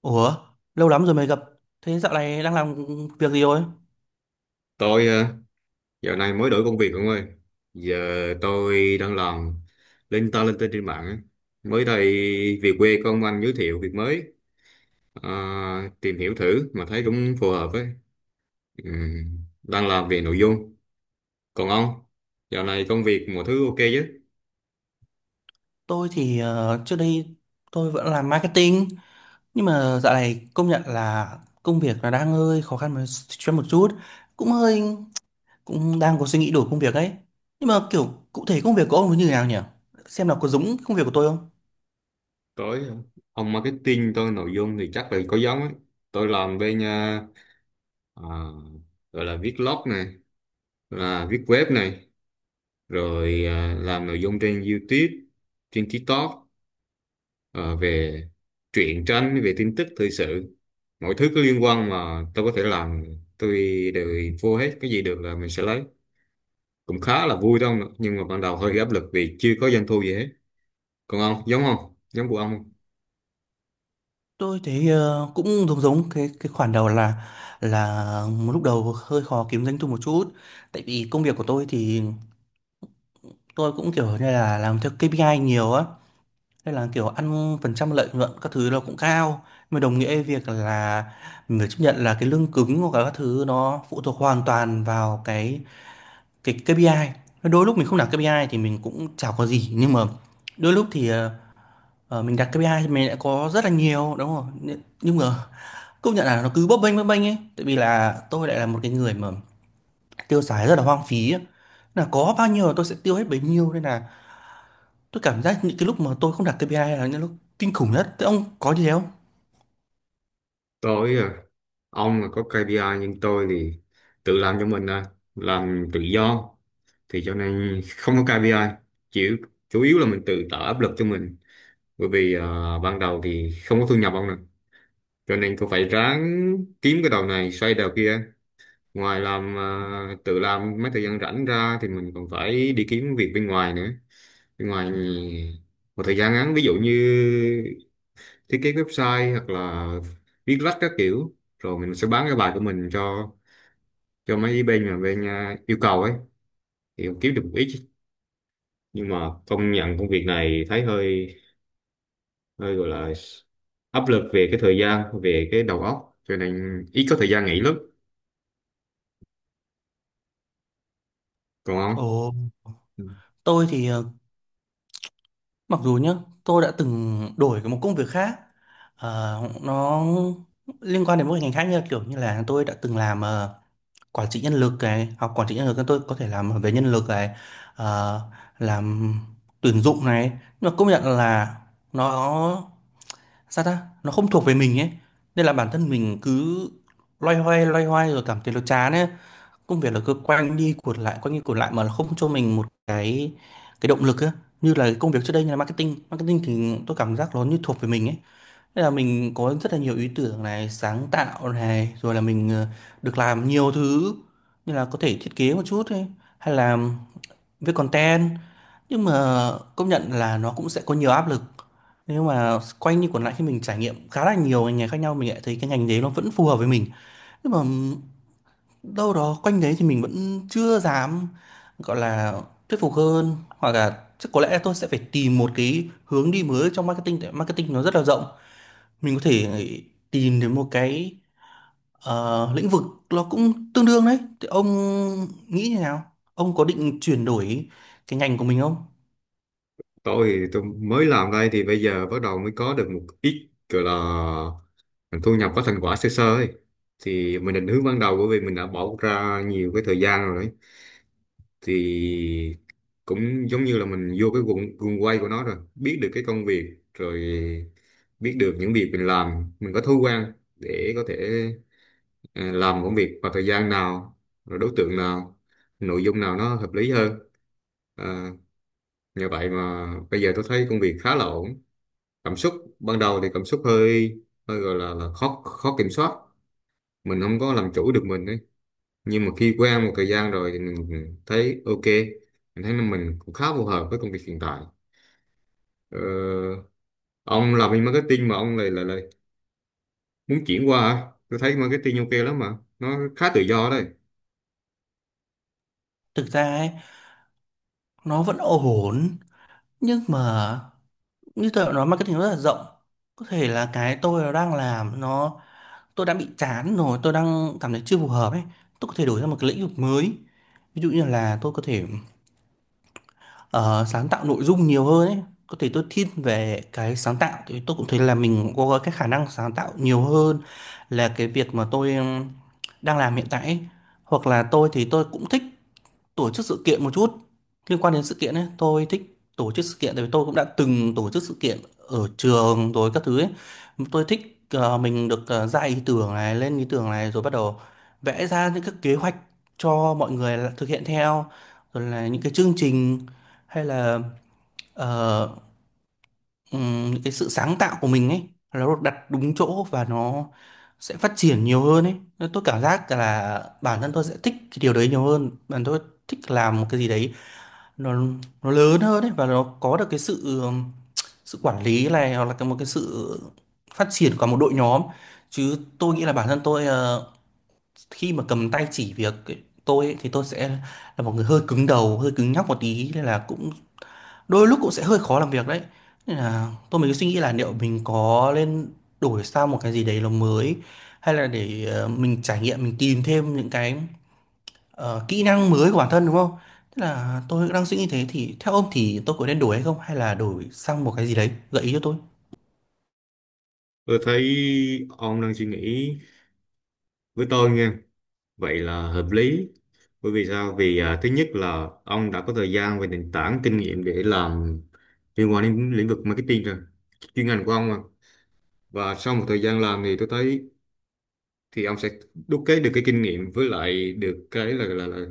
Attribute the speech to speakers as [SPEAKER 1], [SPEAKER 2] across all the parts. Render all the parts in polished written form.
[SPEAKER 1] Ủa, lâu lắm rồi mới gặp. Thế dạo này đang làm việc gì rồi?
[SPEAKER 2] Tôi dạo này mới đổi công việc ông ơi. Giờ tôi đang làm lên tên trên mạng á. Mới đây về quê có ông anh giới thiệu việc mới. Ờ, Tìm hiểu thử mà thấy cũng phù hợp ấy. Đang làm về nội dung. Còn ông, dạo này công việc mọi thứ ok chứ?
[SPEAKER 1] Tôi thì trước đây tôi vẫn làm marketing, nhưng mà dạo này công nhận là công việc nó đang hơi khó khăn cho một chút, cũng hơi cũng đang có suy nghĩ đổi công việc ấy. Nhưng mà kiểu cụ thể công việc của ông nó như thế nào nhỉ? Xem nào có giống công việc của tôi không?
[SPEAKER 2] Tôi hả? Ông marketing tôi nội dung thì chắc là có giống ấy. Tôi làm bên à, gọi là viết blog này, là viết web này, rồi làm nội dung trên YouTube, trên TikTok, ờ, về truyện tranh, về tin tức thời sự, mọi thứ có liên quan mà tôi có thể làm tôi đều vô hết, cái gì được là mình sẽ lấy. Cũng khá là vui đâu, nhưng mà ban đầu hơi áp lực vì chưa có doanh thu gì hết. Còn ông, giống không giống của ông không?
[SPEAKER 1] Tôi thấy cũng giống giống cái khoản đầu là là lúc đầu hơi khó kiếm doanh thu một chút, tại vì công việc của tôi thì tôi cũng kiểu như là làm theo KPI nhiều á. Nên là kiểu ăn phần trăm lợi nhuận các thứ nó cũng cao, nhưng mà đồng nghĩa với việc là mình phải chấp nhận là cái lương cứng hoặc là các thứ nó phụ thuộc hoàn toàn vào cái KPI. Đôi lúc mình không đặt KPI thì mình cũng chả có gì, nhưng mà đôi lúc thì mình đặt KPI thì mình lại có rất là nhiều đúng không, nhưng mà công nhận là nó cứ bấp bênh ấy, tại vì là tôi lại là một cái người mà tiêu xài rất là hoang phí ấy. Là có bao nhiêu là tôi sẽ tiêu hết bấy nhiêu, nên là tôi cảm giác những cái lúc mà tôi không đặt KPI là những lúc kinh khủng nhất. Thế ông có như thế không?
[SPEAKER 2] Tôi, ông là có KPI nhưng tôi thì tự làm cho mình, làm tự do, thì cho nên không có KPI, chỉ chủ yếu là mình tự tạo áp lực cho mình. Bởi vì ban đầu thì không có thu nhập ông nè, cho nên cô phải ráng kiếm cái đầu này xoay đầu kia. Ngoài làm tự làm mấy thời gian rảnh ra thì mình còn phải đi kiếm việc bên ngoài nữa, bên ngoài một thời gian ngắn, ví dụ như thiết kế website hoặc là viết lách các kiểu rồi mình sẽ bán cái bài của mình cho mấy bên mà bên yêu cầu ấy, thì cũng kiếm được một ít. Nhưng mà công nhận công việc này thấy hơi hơi gọi là áp lực về cái thời gian, về cái đầu óc, cho nên ít có thời gian nghỉ lắm. Còn
[SPEAKER 1] Ồ,
[SPEAKER 2] không,
[SPEAKER 1] tôi thì mặc dù nhá, tôi đã từng đổi một công việc khác, ờ, nó liên quan đến một ngành khác, như là kiểu như là tôi đã từng làm quản trị nhân lực này, học quản trị nhân lực nên tôi có thể làm về nhân lực này, ờ, làm tuyển dụng này, nhưng mà công nhận là nó sao ta, nó không thuộc về mình ấy, nên là bản thân mình cứ loay hoay rồi cảm thấy nó chán ấy, công việc là cứ quanh đi quẩn lại quanh đi quẩn lại mà không cho mình một cái động lực á, như là cái công việc trước đây như là marketing marketing thì tôi cảm giác nó như thuộc về mình ấy, nên là mình có rất là nhiều ý tưởng này, sáng tạo này, rồi là mình được làm nhiều thứ, như là có thể thiết kế một chút ấy, hay là viết content. Nhưng mà công nhận là nó cũng sẽ có nhiều áp lực, nhưng mà quanh đi quẩn lại khi mình trải nghiệm khá là nhiều ngành nghề khác nhau, mình lại thấy cái ngành đấy nó vẫn phù hợp với mình. Nhưng mà đâu đó quanh đấy thì mình vẫn chưa dám, gọi là, thuyết phục hơn, hoặc là chắc có lẽ tôi sẽ phải tìm một cái hướng đi mới trong marketing, tại marketing nó rất là rộng, mình có thể tìm đến một cái, lĩnh vực nó cũng tương đương đấy. Thì ông nghĩ như nào, ông có định chuyển đổi cái ngành của mình không?
[SPEAKER 2] tôi thì tôi mới làm đây thì bây giờ bắt đầu mới có được một ít gọi là thu nhập, có thành quả sơ sơ ấy. Thì mình định hướng ban đầu, bởi vì mình đã bỏ ra nhiều cái thời gian rồi ấy. Thì cũng giống như là mình vô cái guồng guồng quay của nó rồi, biết được cái công việc, rồi biết được những việc mình làm, mình có thói quen để có thể ờ, làm công việc vào thời gian nào, rồi đối tượng nào, nội dung nào nó hợp lý hơn. Ờ, Nhờ vậy mà bây giờ tôi thấy công việc khá là ổn. Cảm xúc ban đầu thì cảm xúc hơi hơi gọi là khó, kiểm soát, mình không có làm chủ được mình ấy. Nhưng mà khi quen một thời gian rồi thì mình thấy ok, mình thấy là mình cũng khá phù hợp với công việc hiện tại. ờ, ông làm bên marketing mà ông lại lại lại muốn chuyển qua hả? Tôi thấy marketing ok lắm mà, nó khá tự do đấy.
[SPEAKER 1] Thực ra ấy, nó vẫn ổn, nhưng mà như tôi đã nói, marketing nó rất là rộng, có thể là cái tôi đang làm nó, tôi đã bị chán rồi, tôi đang cảm thấy chưa phù hợp ấy. Tôi có thể đổi ra một cái lĩnh vực mới, ví dụ như là tôi có thể ờ, sáng tạo nội dung nhiều hơn ấy. Có thể tôi thiên về cái sáng tạo, thì tôi cũng thấy là mình có cái khả năng sáng tạo nhiều hơn là cái việc mà tôi đang làm hiện tại ấy. Hoặc là tôi thì tôi cũng thích tổ chức sự kiện một chút, liên quan đến sự kiện ấy tôi thích. Tổ chức sự kiện, tại vì tôi cũng đã từng tổ chức sự kiện ở trường rồi các thứ ấy. Tôi thích mình được ra ý tưởng này, lên ý tưởng này, rồi bắt đầu vẽ ra những cái kế hoạch cho mọi người thực hiện theo, rồi là những cái chương trình, hay là ờ, những cái sự sáng tạo của mình ấy, nó được đặt đúng chỗ và nó sẽ phát triển nhiều hơn ấy. Nên tôi cảm giác là bản thân tôi sẽ thích cái điều đấy nhiều hơn. Bản thân tôi thích làm một cái gì đấy nó nó lớn hơn ấy, và nó có được cái sự sự quản lý này, hoặc là một cái sự phát triển của một đội nhóm, chứ tôi nghĩ là bản thân tôi khi mà cầm tay chỉ việc ấy, tôi ấy, thì tôi sẽ là một người hơi cứng đầu, hơi cứng nhắc một tí, nên là cũng đôi lúc cũng sẽ hơi khó làm việc đấy. Nên là tôi mới suy nghĩ là liệu mình có nên đổi sang một cái gì đấy nó mới, hay là để mình trải nghiệm, mình tìm thêm những cái kỹ năng mới của bản thân, đúng không? Tức là tôi đang suy nghĩ thế, thì theo ông thì tôi có nên đổi hay không, hay là đổi sang một cái gì đấy, gợi ý cho tôi.
[SPEAKER 2] Tôi thấy ông đang suy nghĩ, với tôi nghe vậy là hợp lý. Bởi vì sao? Vì thứ nhất là ông đã có thời gian và nền tảng kinh nghiệm để làm liên quan đến lĩnh vực marketing rồi. Chuyên ngành của ông mà. Và sau một thời gian làm thì tôi thấy thì ông sẽ đúc kết được cái kinh nghiệm, với lại được cái là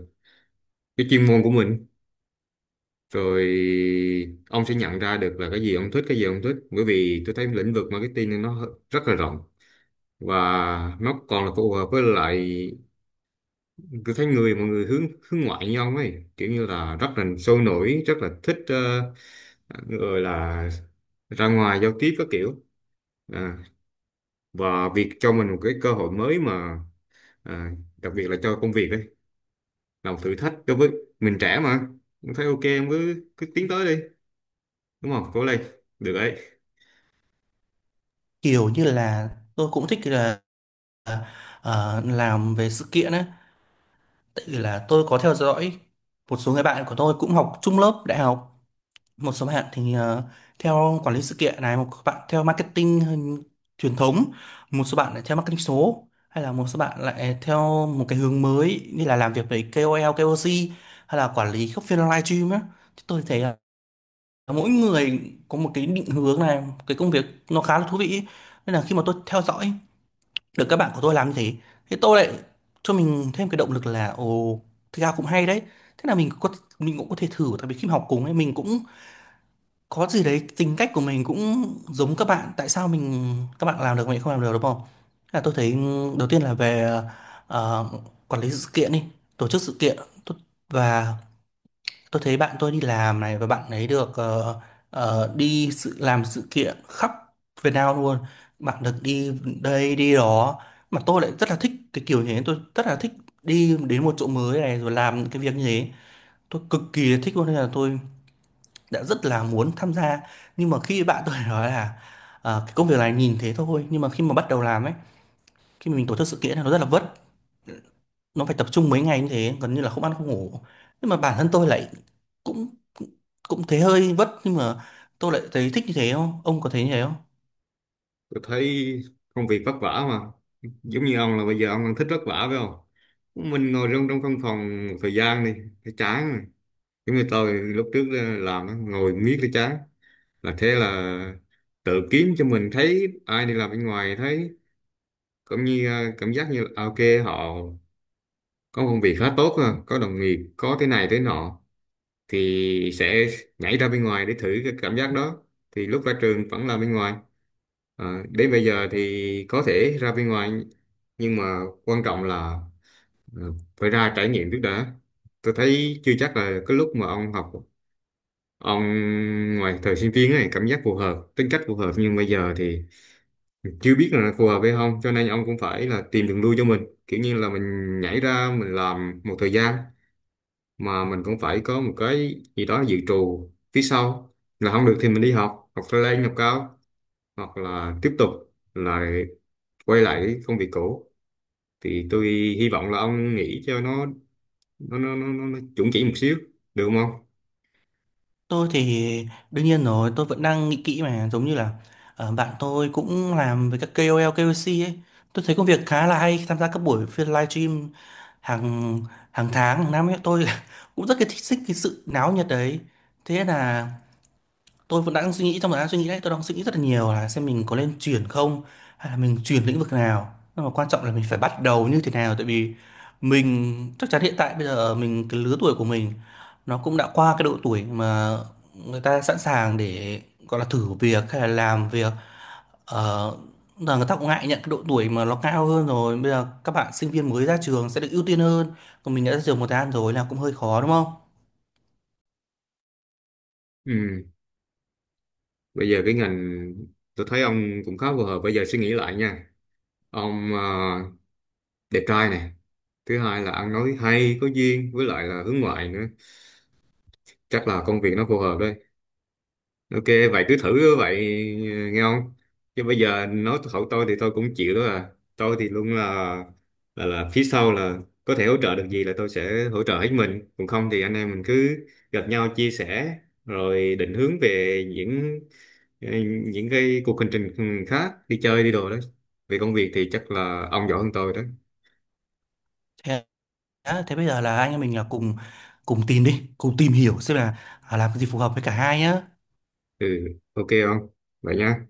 [SPEAKER 2] cái chuyên môn của mình. Rồi ông sẽ nhận ra được là cái gì ông thích, cái gì ông thích. Bởi vì tôi thấy lĩnh vực marketing nó rất là rộng, và nó còn là phù hợp với lại, tôi thấy mọi người hướng hướng ngoại nhau ấy, kiểu như là rất là sôi nổi, rất là thích, người là ra ngoài giao tiếp các kiểu. à, và việc cho mình một cái cơ hội mới mà, à, đặc biệt là cho công việc ấy, là một thử thách đối với mình, trẻ mà. Tôi thấy ok, em cứ cứ tiến tới đi, đúng không? Cố lên, được đấy.
[SPEAKER 1] Kiểu như là tôi cũng thích là ờ, làm về sự kiện ấy, tại vì là tôi có theo dõi một số người bạn của tôi cũng học chung lớp đại học. Một số bạn thì theo quản lý sự kiện này, một bạn theo marketing truyền thống, một số bạn lại theo marketing số, hay là một số bạn lại theo một cái hướng mới như là làm việc với KOL, KOC, hay là quản lý các phiên live stream á. Thì tôi thấy là mỗi người có một cái định hướng này, một cái công việc nó khá là thú vị ý. Nên là khi mà tôi theo dõi được các bạn của tôi làm như thế, thì tôi lại cho mình thêm cái động lực là ồ, thực ra cũng hay đấy. Thế là mình cũng có thể thử, tại vì khi mà học cùng ấy mình cũng có gì đấy tính cách của mình cũng giống các bạn, tại sao các bạn làm được mình không làm được, đúng không? Là tôi thấy đầu tiên là về ờ, quản lý sự kiện đi, tổ chức sự kiện. Tôi- và tôi thấy bạn tôi đi làm này, và bạn ấy được đi sự làm sự kiện khắp Việt Nam luôn, bạn được đi đây đi đó, mà tôi lại rất là thích cái kiểu như thế. Tôi rất là thích đi đến một chỗ mới này rồi làm những cái việc như thế, tôi cực kỳ thích luôn, nên là tôi đã rất là muốn tham gia. Nhưng mà khi bạn tôi nói là cái công việc này nhìn thế thôi, nhưng mà khi mà bắt đầu làm ấy, khi mà mình tổ chức sự kiện là nó rất là vất, nó phải tập trung mấy ngày như thế, gần như là không ăn không ngủ. Nhưng mà bản thân tôi lại cũng cũng thấy hơi vất, nhưng mà tôi lại thấy thích như thế. Không, ông có thấy như thế không?
[SPEAKER 2] Tôi thấy công việc vất vả mà, giống như ông là bây giờ ông đang thích vất vả phải không? Mình ngồi trong trong căn phòng một thời gian đi, thấy chán rồi. Giống như tôi lúc trước làm á, ngồi miết cái chán, là thế là tự kiếm cho mình, thấy ai đi làm bên ngoài thấy cũng như cảm giác như là, ok họ có công việc khá tốt ha, có đồng nghiệp, có thế này thế nọ, thì sẽ nhảy ra bên ngoài để thử cái cảm giác đó. Thì lúc ra trường vẫn làm bên ngoài. Đến bây giờ thì có thể ra bên ngoài, nhưng mà quan trọng là phải ra trải nghiệm trước đã. Tôi thấy chưa chắc là cái lúc mà ông học ông ngoài thời sinh viên này cảm giác phù hợp, tính cách phù hợp, nhưng bây giờ thì chưa biết là phù hợp hay không, cho nên ông cũng phải là tìm đường lui cho mình. Kiểu như là mình nhảy ra mình làm một thời gian mà mình cũng phải có một cái gì đó dự trù phía sau. Là không được thì mình đi học, hoặc lên học cao, hoặc là tiếp tục là quay lại cái công việc cũ. Thì tôi hy vọng là ông nghĩ cho nó chuẩn chỉ một xíu, được không ông?
[SPEAKER 1] Tôi thì đương nhiên rồi, tôi vẫn đang nghĩ kỹ mà, giống như là bạn tôi cũng làm với các KOL, KOC ấy, tôi thấy công việc khá là hay, tham gia các buổi phiên livestream hàng hàng tháng hàng năm ấy. Tôi cũng rất cái thích thích cái sự náo nhiệt đấy. Thế là tôi vẫn đang suy nghĩ, trong thời gian suy nghĩ đấy tôi đang suy nghĩ rất là nhiều là xem mình có nên chuyển không, hay là mình chuyển lĩnh vực nào, nhưng mà quan trọng là mình phải bắt đầu như thế nào. Tại vì mình chắc chắn hiện tại bây giờ mình, cái lứa tuổi của mình nó cũng đã qua cái độ tuổi mà người ta sẵn sàng để, gọi là, thử việc hay là làm việc, ờ, là người ta cũng ngại nhận cái độ tuổi mà nó cao hơn rồi, bây giờ các bạn sinh viên mới ra trường sẽ được ưu tiên hơn, còn mình đã ra trường một thời gian rồi là cũng hơi khó, đúng không?
[SPEAKER 2] Ừ. Bây giờ cái ngành tôi thấy ông cũng khá phù hợp. Bây giờ suy nghĩ lại nha. Ông đẹp trai này, thứ hai là ăn nói hay, có duyên, với lại là hướng ngoại nữa. Chắc là công việc nó phù hợp đấy. Ok, vậy cứ thử vậy, nghe không? Chứ bây giờ nói thật tôi thì tôi cũng chịu đó à. Tôi thì luôn là phía sau là, có thể hỗ trợ được gì là tôi sẽ hỗ trợ hết mình. Còn không thì anh em mình cứ gặp nhau chia sẻ, rồi định hướng về ờ, những cái cuộc hành trình khác, đi chơi đi đồ đó. Về công việc thì chắc là ông giỏi hơn tôi đó.
[SPEAKER 1] Đã, thế bây giờ là anh em mình là cùng cùng tìm đi, cùng tìm hiểu xem là à, làm cái gì phù hợp với cả hai nhá.
[SPEAKER 2] Ừ, ok không? Vậy nha.